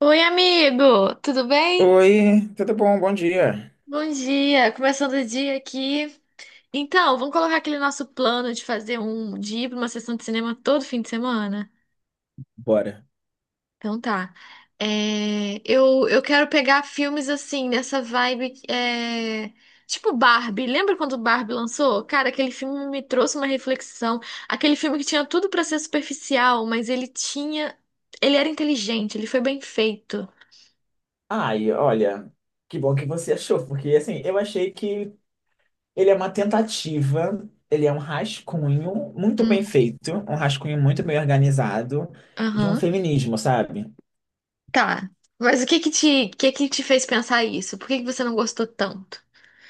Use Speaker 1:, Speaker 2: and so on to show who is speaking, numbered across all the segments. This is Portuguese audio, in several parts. Speaker 1: Oi, amigo, tudo bem?
Speaker 2: Oi, tudo bom? Bom dia.
Speaker 1: Bom dia, começando o dia aqui. Então, vamos colocar aquele nosso plano de fazer um de ir para uma sessão de cinema todo fim de semana?
Speaker 2: Bora.
Speaker 1: Então tá. Eu quero pegar filmes assim, nessa vibe, tipo Barbie. Lembra quando Barbie lançou? Cara, aquele filme me trouxe uma reflexão. Aquele filme que tinha tudo para ser superficial, mas ele tinha. Ele era inteligente, ele foi bem feito.
Speaker 2: Ai, olha, que bom que você achou, porque assim, eu achei que ele é uma tentativa, ele é um rascunho muito bem
Speaker 1: Hum.
Speaker 2: feito, um rascunho muito bem organizado de um
Speaker 1: Aham.
Speaker 2: feminismo, sabe?
Speaker 1: Tá. Mas o que que te fez pensar isso? Por que que você não gostou tanto?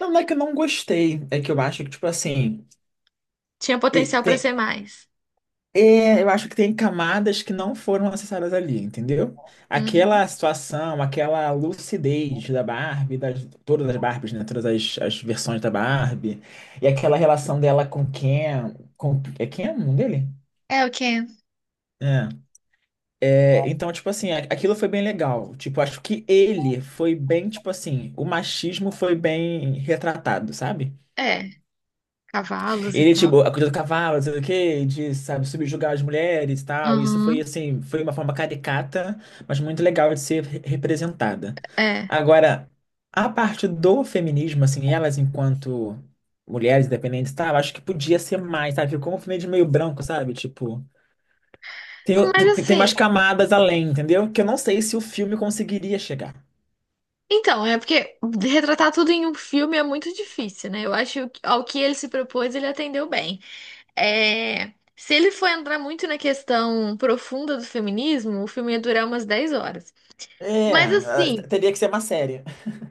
Speaker 2: Não, não é que eu não gostei, é que eu acho que, tipo assim,
Speaker 1: Tinha
Speaker 2: e
Speaker 1: potencial pra
Speaker 2: tem.
Speaker 1: ser mais.
Speaker 2: É, eu acho que tem camadas que não foram acessadas ali, entendeu?
Speaker 1: Uhum.
Speaker 2: Aquela situação, aquela lucidez da Barbie, das, todas as Barbies, né? Todas as, as versões da Barbie, e aquela relação dela com Ken, com, é Ken o nome dele?
Speaker 1: É o quê?
Speaker 2: É. É, então, tipo assim, a- aquilo foi bem legal. Tipo, acho que ele foi bem, tipo assim, o machismo foi bem retratado, sabe?
Speaker 1: É, cavalos e
Speaker 2: Ele,
Speaker 1: tal.
Speaker 2: tipo, a coisa do cavalo, não sei o quê, de, sabe, subjugar as mulheres e tal. Isso foi,
Speaker 1: Uhum,
Speaker 2: assim, foi uma forma caricata, mas muito legal de ser re- representada.
Speaker 1: é.
Speaker 2: Agora, a parte do feminismo, assim, elas enquanto mulheres independentes e tal, acho que podia ser mais, sabe? Ficou um feminismo meio branco, sabe? Tipo, tem, o-
Speaker 1: Mas
Speaker 2: tem
Speaker 1: assim,
Speaker 2: mais camadas além, entendeu? Que eu não sei se o filme conseguiria chegar.
Speaker 1: então, é porque retratar tudo em um filme é muito difícil, né? Eu acho que ao que ele se propôs, ele atendeu bem. É, se ele for entrar muito na questão profunda do feminismo, o filme ia durar umas 10 horas.
Speaker 2: É,
Speaker 1: Mas
Speaker 2: ah,
Speaker 1: assim,
Speaker 2: teria que ser uma série.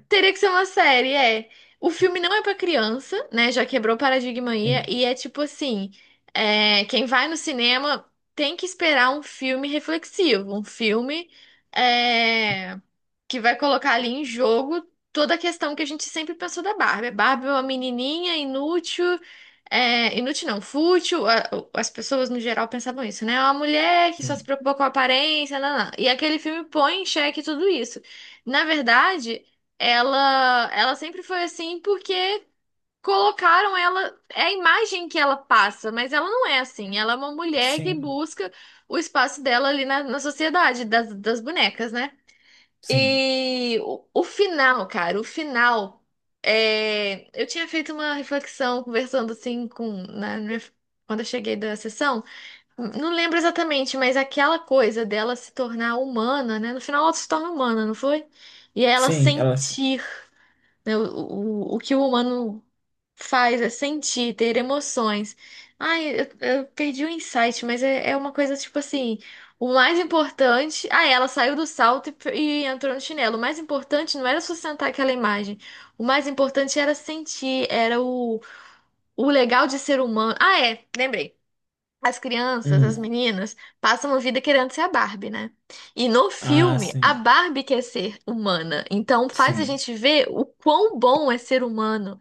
Speaker 1: teria que ser uma série, é. O filme não é pra criança, né? Já quebrou o paradigma aí.
Speaker 2: Sim,
Speaker 1: E é tipo assim: quem vai no cinema tem que esperar um filme reflexivo, um filme é, que vai colocar ali em jogo toda a questão que a gente sempre pensou da Barbie. A Barbie é uma menininha inútil, é, inútil não, fútil. As pessoas no geral pensavam isso, né? É uma mulher que só se
Speaker 2: sim,
Speaker 1: preocupa com a aparência, não, não. E aquele filme põe em xeque tudo isso. Na verdade. Ela sempre foi assim porque colocaram ela, é a imagem que ela passa, mas ela não é assim. Ela é uma mulher que
Speaker 2: sim,
Speaker 1: busca o espaço dela ali na sociedade das bonecas, né?
Speaker 2: sim,
Speaker 1: E o final, cara, o final. Eu tinha feito uma reflexão conversando assim quando eu cheguei da sessão. Não lembro exatamente, mas aquela coisa dela se tornar humana, né? No final ela se torna humana, não foi? E ela
Speaker 2: sim, ela.
Speaker 1: sentir, né. O que o humano faz é sentir, ter emoções. Ai, eu perdi o insight, mas é uma coisa tipo assim: o mais importante. Ah, ela saiu do salto e entrou no chinelo. O mais importante não era sustentar aquela imagem. O mais importante era sentir, era o legal de ser humano. Ah, é, lembrei. As crianças, as
Speaker 2: Hum.
Speaker 1: meninas, passam a vida querendo ser a Barbie, né? E no
Speaker 2: Ah,
Speaker 1: filme, a
Speaker 2: sim,
Speaker 1: Barbie quer ser humana. Então faz a
Speaker 2: sim.
Speaker 1: gente ver o quão bom é ser humano.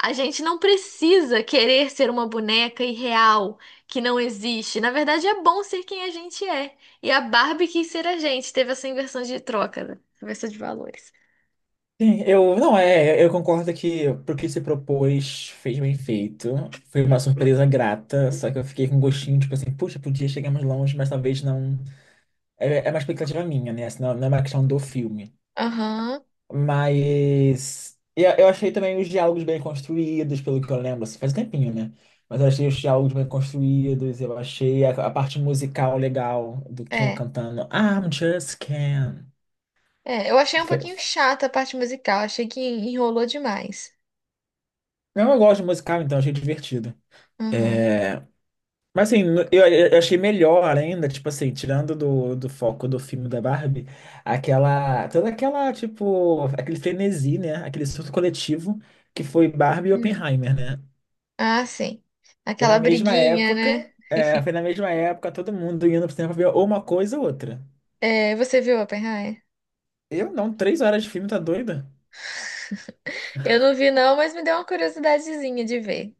Speaker 1: A gente não precisa querer ser uma boneca irreal, que não existe. Na verdade, é bom ser quem a gente é. E a Barbie quis ser a gente. Teve essa inversão de troca, né? Inversão de valores.
Speaker 2: Sim, eu não é, eu concordo que pro que se propôs fez bem feito. Foi uma surpresa grata, só que eu fiquei com um gostinho, tipo assim, puxa, podia chegar mais longe, mas talvez não. É, é uma expectativa minha, né? Assim, não, não é uma questão do filme.
Speaker 1: Aham,
Speaker 2: Mas eu achei também os diálogos bem construídos, pelo que eu lembro, assim, faz um tempinho, né? Mas eu achei os diálogos bem construídos, eu achei a parte musical legal do Cam
Speaker 1: é.
Speaker 2: cantando I'm just Cam.
Speaker 1: É, eu achei um pouquinho chata a parte musical. Achei que enrolou demais.
Speaker 2: Não, eu gosto de musical, então, achei divertido.
Speaker 1: Aham.
Speaker 2: É, mas assim, no- eu achei melhor ainda, tipo assim, tirando do, do foco do filme da Barbie, aquela, toda aquela, tipo, aquele frenesi, né? Aquele surto coletivo que foi Barbie e Oppenheimer, né?
Speaker 1: Ah, sim.
Speaker 2: Foi
Speaker 1: Aquela
Speaker 2: na mesma
Speaker 1: briguinha,
Speaker 2: época,
Speaker 1: né?
Speaker 2: é, foi na mesma época, todo mundo indo pro cinema pra ver ou uma coisa ou outra.
Speaker 1: É, você viu Oppenheimer?
Speaker 2: Eu não, 3 horas de filme, tá doida?
Speaker 1: Eu não vi não, mas me deu uma curiosidadezinha de ver.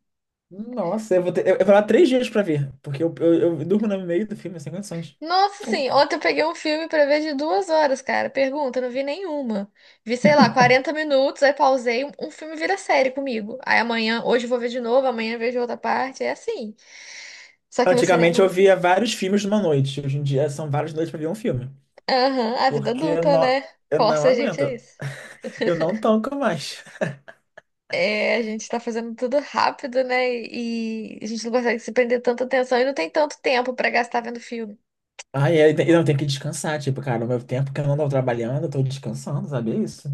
Speaker 2: Nossa, eu vou ter, eu vou lá 3 dias pra ver, porque eu durmo no meio do filme, sem condições.
Speaker 1: Nossa, sim, ontem eu peguei um filme pra ver de 2 horas, cara. Pergunta, eu não vi nenhuma. Vi, sei lá, 40 minutos, aí pausei, um filme vira série comigo. Aí amanhã, hoje eu vou ver de novo, amanhã eu vejo outra parte, é assim. Só que no cinema...
Speaker 2: Antigamente eu via vários filmes numa noite. Hoje em dia são várias noites pra ver um filme.
Speaker 1: Aham, a vida
Speaker 2: Porque
Speaker 1: adulta, né?
Speaker 2: eu não
Speaker 1: Força a gente a
Speaker 2: aguento.
Speaker 1: isso.
Speaker 2: Eu não tanco mais.
Speaker 1: É, a gente tá fazendo tudo rápido, né? E a gente não consegue se prender tanta atenção e não tem tanto tempo pra gastar vendo filme.
Speaker 2: Ai, eu, te- eu não tenho que descansar. Tipo, cara, o meu tempo que eu não tô trabalhando, eu tô descansando, sabe? É isso.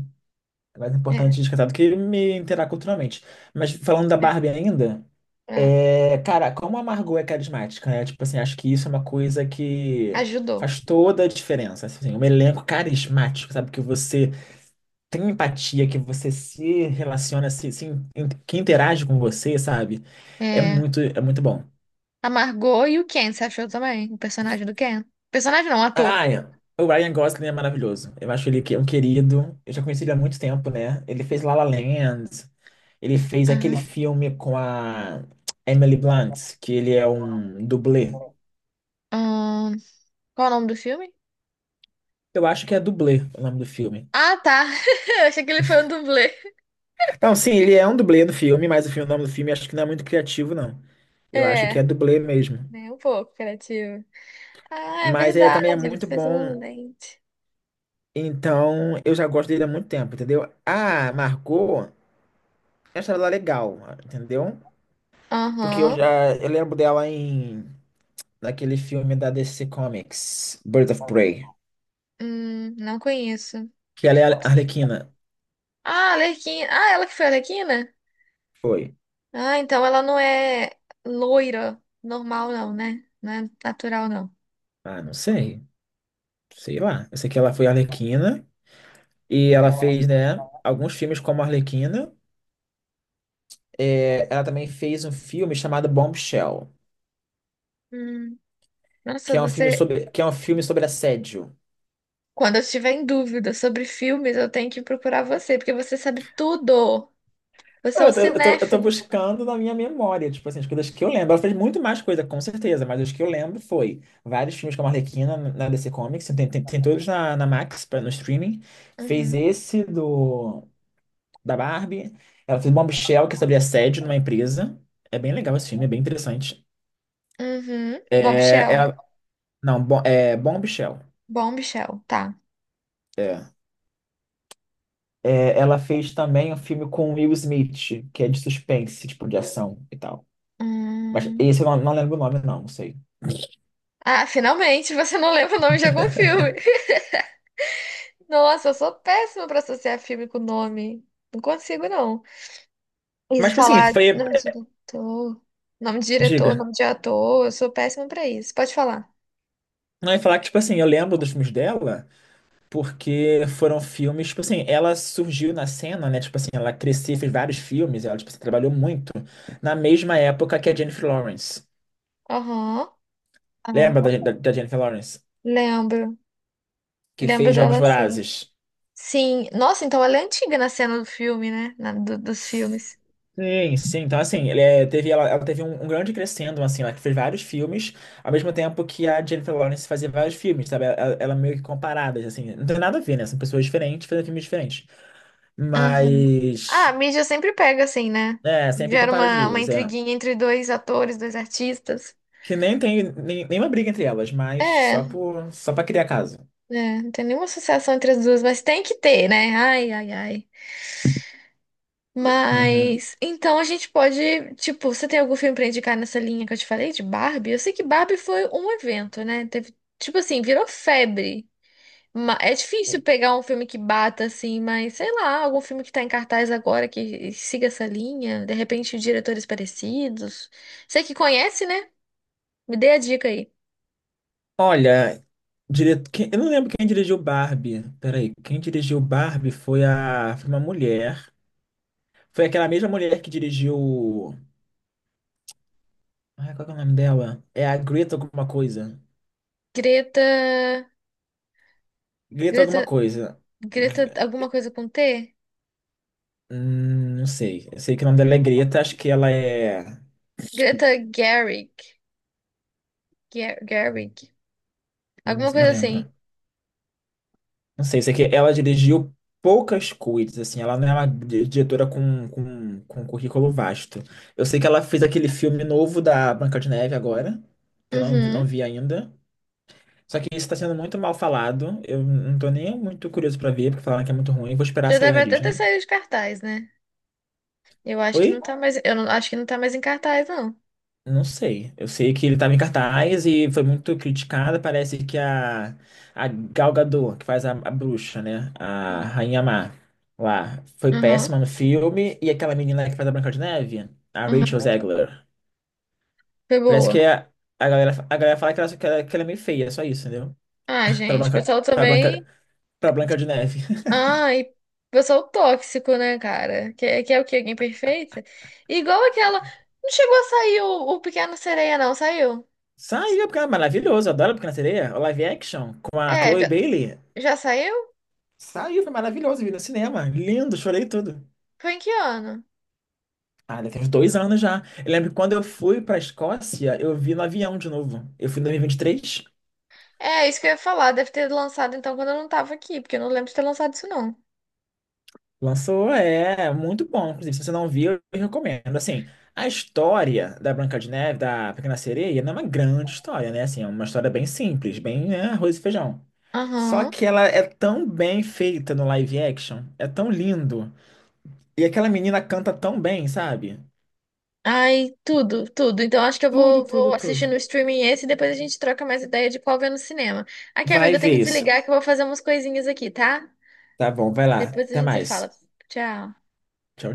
Speaker 2: É mais importante
Speaker 1: É,
Speaker 2: descansar do que me interar culturalmente. Mas falando da
Speaker 1: é,
Speaker 2: Barbie ainda,
Speaker 1: é.
Speaker 2: é, cara, como a Margot é carismática, né? Tipo assim, acho que isso é uma coisa que
Speaker 1: Ajudou.
Speaker 2: faz toda a diferença. Assim, um elenco carismático, sabe? Que você tem empatia, que você se relaciona, se in- que interage com você, sabe?
Speaker 1: É.
Speaker 2: É muito bom.
Speaker 1: A Margot e o Ken, você achou também? O personagem do Ken? Personagem não, ator.
Speaker 2: Ah, é. O Ryan Gosling é maravilhoso. Eu acho ele que é um querido. Eu já conheci ele há muito tempo, né? Ele fez La La Land. Ele fez aquele
Speaker 1: Aham.
Speaker 2: filme com a Emily Blunt, que ele é um dublê.
Speaker 1: Ahn, qual é o nome do filme?
Speaker 2: Eu acho que é dublê o nome do filme.
Speaker 1: Ah, tá. Eu achei que ele foi um dublê.
Speaker 2: Não, sim, ele é um dublê do filme, mas o filme- o nome do filme acho que não é muito criativo, não. Eu acho que
Speaker 1: É,
Speaker 2: é dublê mesmo.
Speaker 1: nem um pouco criativo. Ah, é
Speaker 2: Mas é,
Speaker 1: verdade,
Speaker 2: também é
Speaker 1: ele
Speaker 2: muito
Speaker 1: fez
Speaker 2: bom.
Speaker 1: um lente.
Speaker 2: Então, eu já gosto dele há muito tempo, entendeu? Ah, marcou. Essa ela é legal, entendeu? Porque eu
Speaker 1: Aham.
Speaker 2: já eu lembro dela em naquele filme da DC Comics, Birds of Prey,
Speaker 1: Não conheço.
Speaker 2: que ela é a Arlequina.
Speaker 1: Ah, Alequina. Ah, ela que foi a Alequina?
Speaker 2: Foi.
Speaker 1: Ah, então ela não é loira normal, não, né? Não é natural, não.
Speaker 2: Ah, não sei. Sei lá. Eu sei que ela foi a Arlequina e ela fez, né, alguns filmes como a Arlequina. É, ela também fez um filme chamado Bombshell,
Speaker 1: Hum.
Speaker 2: que
Speaker 1: Nossa,
Speaker 2: é um filme
Speaker 1: você.
Speaker 2: sobre assédio.
Speaker 1: Quando eu estiver em dúvida sobre filmes, eu tenho que procurar você, porque você sabe tudo. Você é um
Speaker 2: Eu tô
Speaker 1: cinéfilo.
Speaker 2: buscando na minha memória, tipo assim, as coisas que eu lembro. Ela fez muito mais coisa, com certeza, mas as que eu lembro foi vários filmes com a Arlequina na DC Comics, tem, tem todos na, na Max, pra- no streaming. Fez
Speaker 1: Uhum.
Speaker 2: esse do da Barbie. Ela fez Bombshell, que é sobre assédio numa empresa. É bem legal esse filme, é bem interessante.
Speaker 1: Uhum. Bob
Speaker 2: É,
Speaker 1: Shell.
Speaker 2: é, não, bom, é Bombshell.
Speaker 1: Bom, Michel, tá.
Speaker 2: É. É, ela fez também um filme com Will Smith, que é de suspense, tipo, de ação e tal. Mas
Speaker 1: Hum.
Speaker 2: esse eu não, não lembro o nome, não, não sei.
Speaker 1: Ah, finalmente você não lembra o nome de algum filme. Nossa, eu sou péssima pra associar filme com nome. Não consigo, não. E
Speaker 2: Mas, tipo assim,
Speaker 1: falar
Speaker 2: foi.
Speaker 1: nome de diretor,
Speaker 2: Diga.
Speaker 1: nome de ator, eu sou péssima pra isso. Pode falar.
Speaker 2: Não, eu ia falar que, tipo assim, eu lembro dos filmes dela, porque foram filmes, tipo assim, ela surgiu na cena, né? Tipo assim, ela cresceu, fez vários filmes, ela, tipo assim, trabalhou muito, na mesma época que a Jennifer Lawrence.
Speaker 1: Aham.
Speaker 2: Lembra
Speaker 1: Ah,
Speaker 2: da, da- da Jennifer Lawrence?
Speaker 1: lembro.
Speaker 2: Que
Speaker 1: Lembro
Speaker 2: fez Jogos
Speaker 1: dela sim.
Speaker 2: Vorazes.
Speaker 1: Sim. Nossa, então ela é antiga na cena do filme, né? Na- do- dos filmes.
Speaker 2: Sim, sim. Então, assim, ele, é, teve, ela teve um, um grande crescendo, assim, ela que fez vários filmes, ao mesmo tempo que a Jennifer Lawrence fazia vários filmes, sabe? Ela meio que comparadas, assim. Não tem nada a ver, né? São pessoas diferentes, fazendo filmes diferentes.
Speaker 1: Aham. Ah,
Speaker 2: Mas.
Speaker 1: a mídia sempre pega assim, né?
Speaker 2: É, sempre
Speaker 1: Gera
Speaker 2: compara as
Speaker 1: uma
Speaker 2: duas, é.
Speaker 1: intriguinha entre dois atores, dois artistas.
Speaker 2: Que nem tem nem- nenhuma briga entre elas, mas só
Speaker 1: É,
Speaker 2: por, só pra criar caso.
Speaker 1: é, não tem nenhuma associação entre as duas, mas tem que ter, né? Ai, ai, ai.
Speaker 2: Uhum.
Speaker 1: Mas então a gente pode, tipo, você tem algum filme pra indicar nessa linha que eu te falei de Barbie? Eu sei que Barbie foi um evento, né? Teve, tipo assim, virou febre. Ma- É difícil
Speaker 2: E-
Speaker 1: pegar um filme que bata assim, mas sei lá, algum filme que tá em cartaz agora que siga essa linha, de repente diretores parecidos. Você que conhece, né? Me dê a dica aí.
Speaker 2: olha, dire... quem- eu não lembro quem dirigiu Barbie. Peraí, quem dirigiu Barbie foi a foi uma mulher. Foi aquela mesma mulher que dirigiu. Ai, qual que é o nome dela? É a Greta alguma coisa.
Speaker 1: Greta,
Speaker 2: Greta alguma
Speaker 1: Greta,
Speaker 2: coisa.
Speaker 1: Greta,
Speaker 2: Gre-
Speaker 1: alguma coisa com T?
Speaker 2: hum, não sei. Eu sei que o nome dela é Greta, acho que ela é.
Speaker 1: Greta Gerwig, Gerwig,
Speaker 2: Não,
Speaker 1: alguma
Speaker 2: não
Speaker 1: coisa assim.
Speaker 2: lembro. Não sei, sei que ela dirigiu poucas coisas, assim, ela não é uma di- diretora com, com currículo vasto. Eu sei que ela fez aquele filme novo da Branca de Neve agora, que eu não, vi- não
Speaker 1: Uhum.
Speaker 2: vi ainda. Só que isso está sendo muito mal falado. Eu não tô nem muito curioso pra ver, porque falaram que é muito ruim. Vou esperar
Speaker 1: Já
Speaker 2: sair na
Speaker 1: deve até ter
Speaker 2: Disney.
Speaker 1: saído de cartaz, né? Eu acho que não
Speaker 2: Oi?
Speaker 1: tá mais. Eu não, acho que não tá mais em cartaz, não.
Speaker 2: Não sei. Eu sei que ele estava em cartaz e foi muito criticada. Parece que a Gal Gadot, que faz a bruxa, né? A
Speaker 1: Uhum.
Speaker 2: Rainha Má, lá, foi
Speaker 1: Aham,
Speaker 2: péssima no filme. E aquela menina que faz a Branca de Neve, a Rachel
Speaker 1: aham.
Speaker 2: Zegler.
Speaker 1: Foi
Speaker 2: Parece que
Speaker 1: boa.
Speaker 2: a galera fala que ela, que ela, que ela é meio feia, só isso, entendeu?
Speaker 1: Ah,
Speaker 2: Pra
Speaker 1: gente, o
Speaker 2: Branca,
Speaker 1: pessoal
Speaker 2: pra
Speaker 1: também.
Speaker 2: Branca, pra Branca de Neve.
Speaker 1: Ah, e pessoal tóxico, né, cara? Que, que é o quê? Alguém perfeita? Igual aquela. Não chegou a sair o Pequeno Sereia, não, saiu.
Speaker 2: Saiu, porque é maravilhoso. Adoro a Pequena Sereia. O live action com a
Speaker 1: É,
Speaker 2: Chloe Bailey.
Speaker 1: já saiu?
Speaker 2: Saiu, foi maravilhoso. Vi no cinema. Lindo, chorei tudo.
Speaker 1: Foi em que ano?
Speaker 2: Ah, já tem uns 2 anos já. Eu lembro que quando eu fui pra Escócia, eu vi no avião de novo. Eu fui em 2023,
Speaker 1: É, isso que eu ia falar. Deve ter lançado então quando eu não tava aqui, porque eu não lembro de ter lançado isso, não.
Speaker 2: lançou, é muito bom. Inclusive, se você não viu, eu recomendo. Assim, a história da Branca de Neve, da Pequena Sereia, não é uma grande história, né? Assim, é uma história bem simples, bem, né, arroz e feijão. Só
Speaker 1: Aham.
Speaker 2: que ela é tão bem feita no live action, é tão lindo. E aquela menina canta tão bem, sabe?
Speaker 1: Ai, tudo, tudo. Então acho que eu
Speaker 2: Tudo,
Speaker 1: vou
Speaker 2: tudo,
Speaker 1: assistir
Speaker 2: tudo.
Speaker 1: no streaming esse e depois a gente troca mais ideia de qual ver no cinema. Aqui, amigo,
Speaker 2: Vai
Speaker 1: eu tenho
Speaker 2: ver
Speaker 1: que
Speaker 2: isso.
Speaker 1: desligar que eu vou fazer umas coisinhas aqui, tá?
Speaker 2: Tá bom, vai lá.
Speaker 1: Depois a
Speaker 2: Até
Speaker 1: gente se fala.
Speaker 2: mais.
Speaker 1: Tchau.
Speaker 2: Tchau,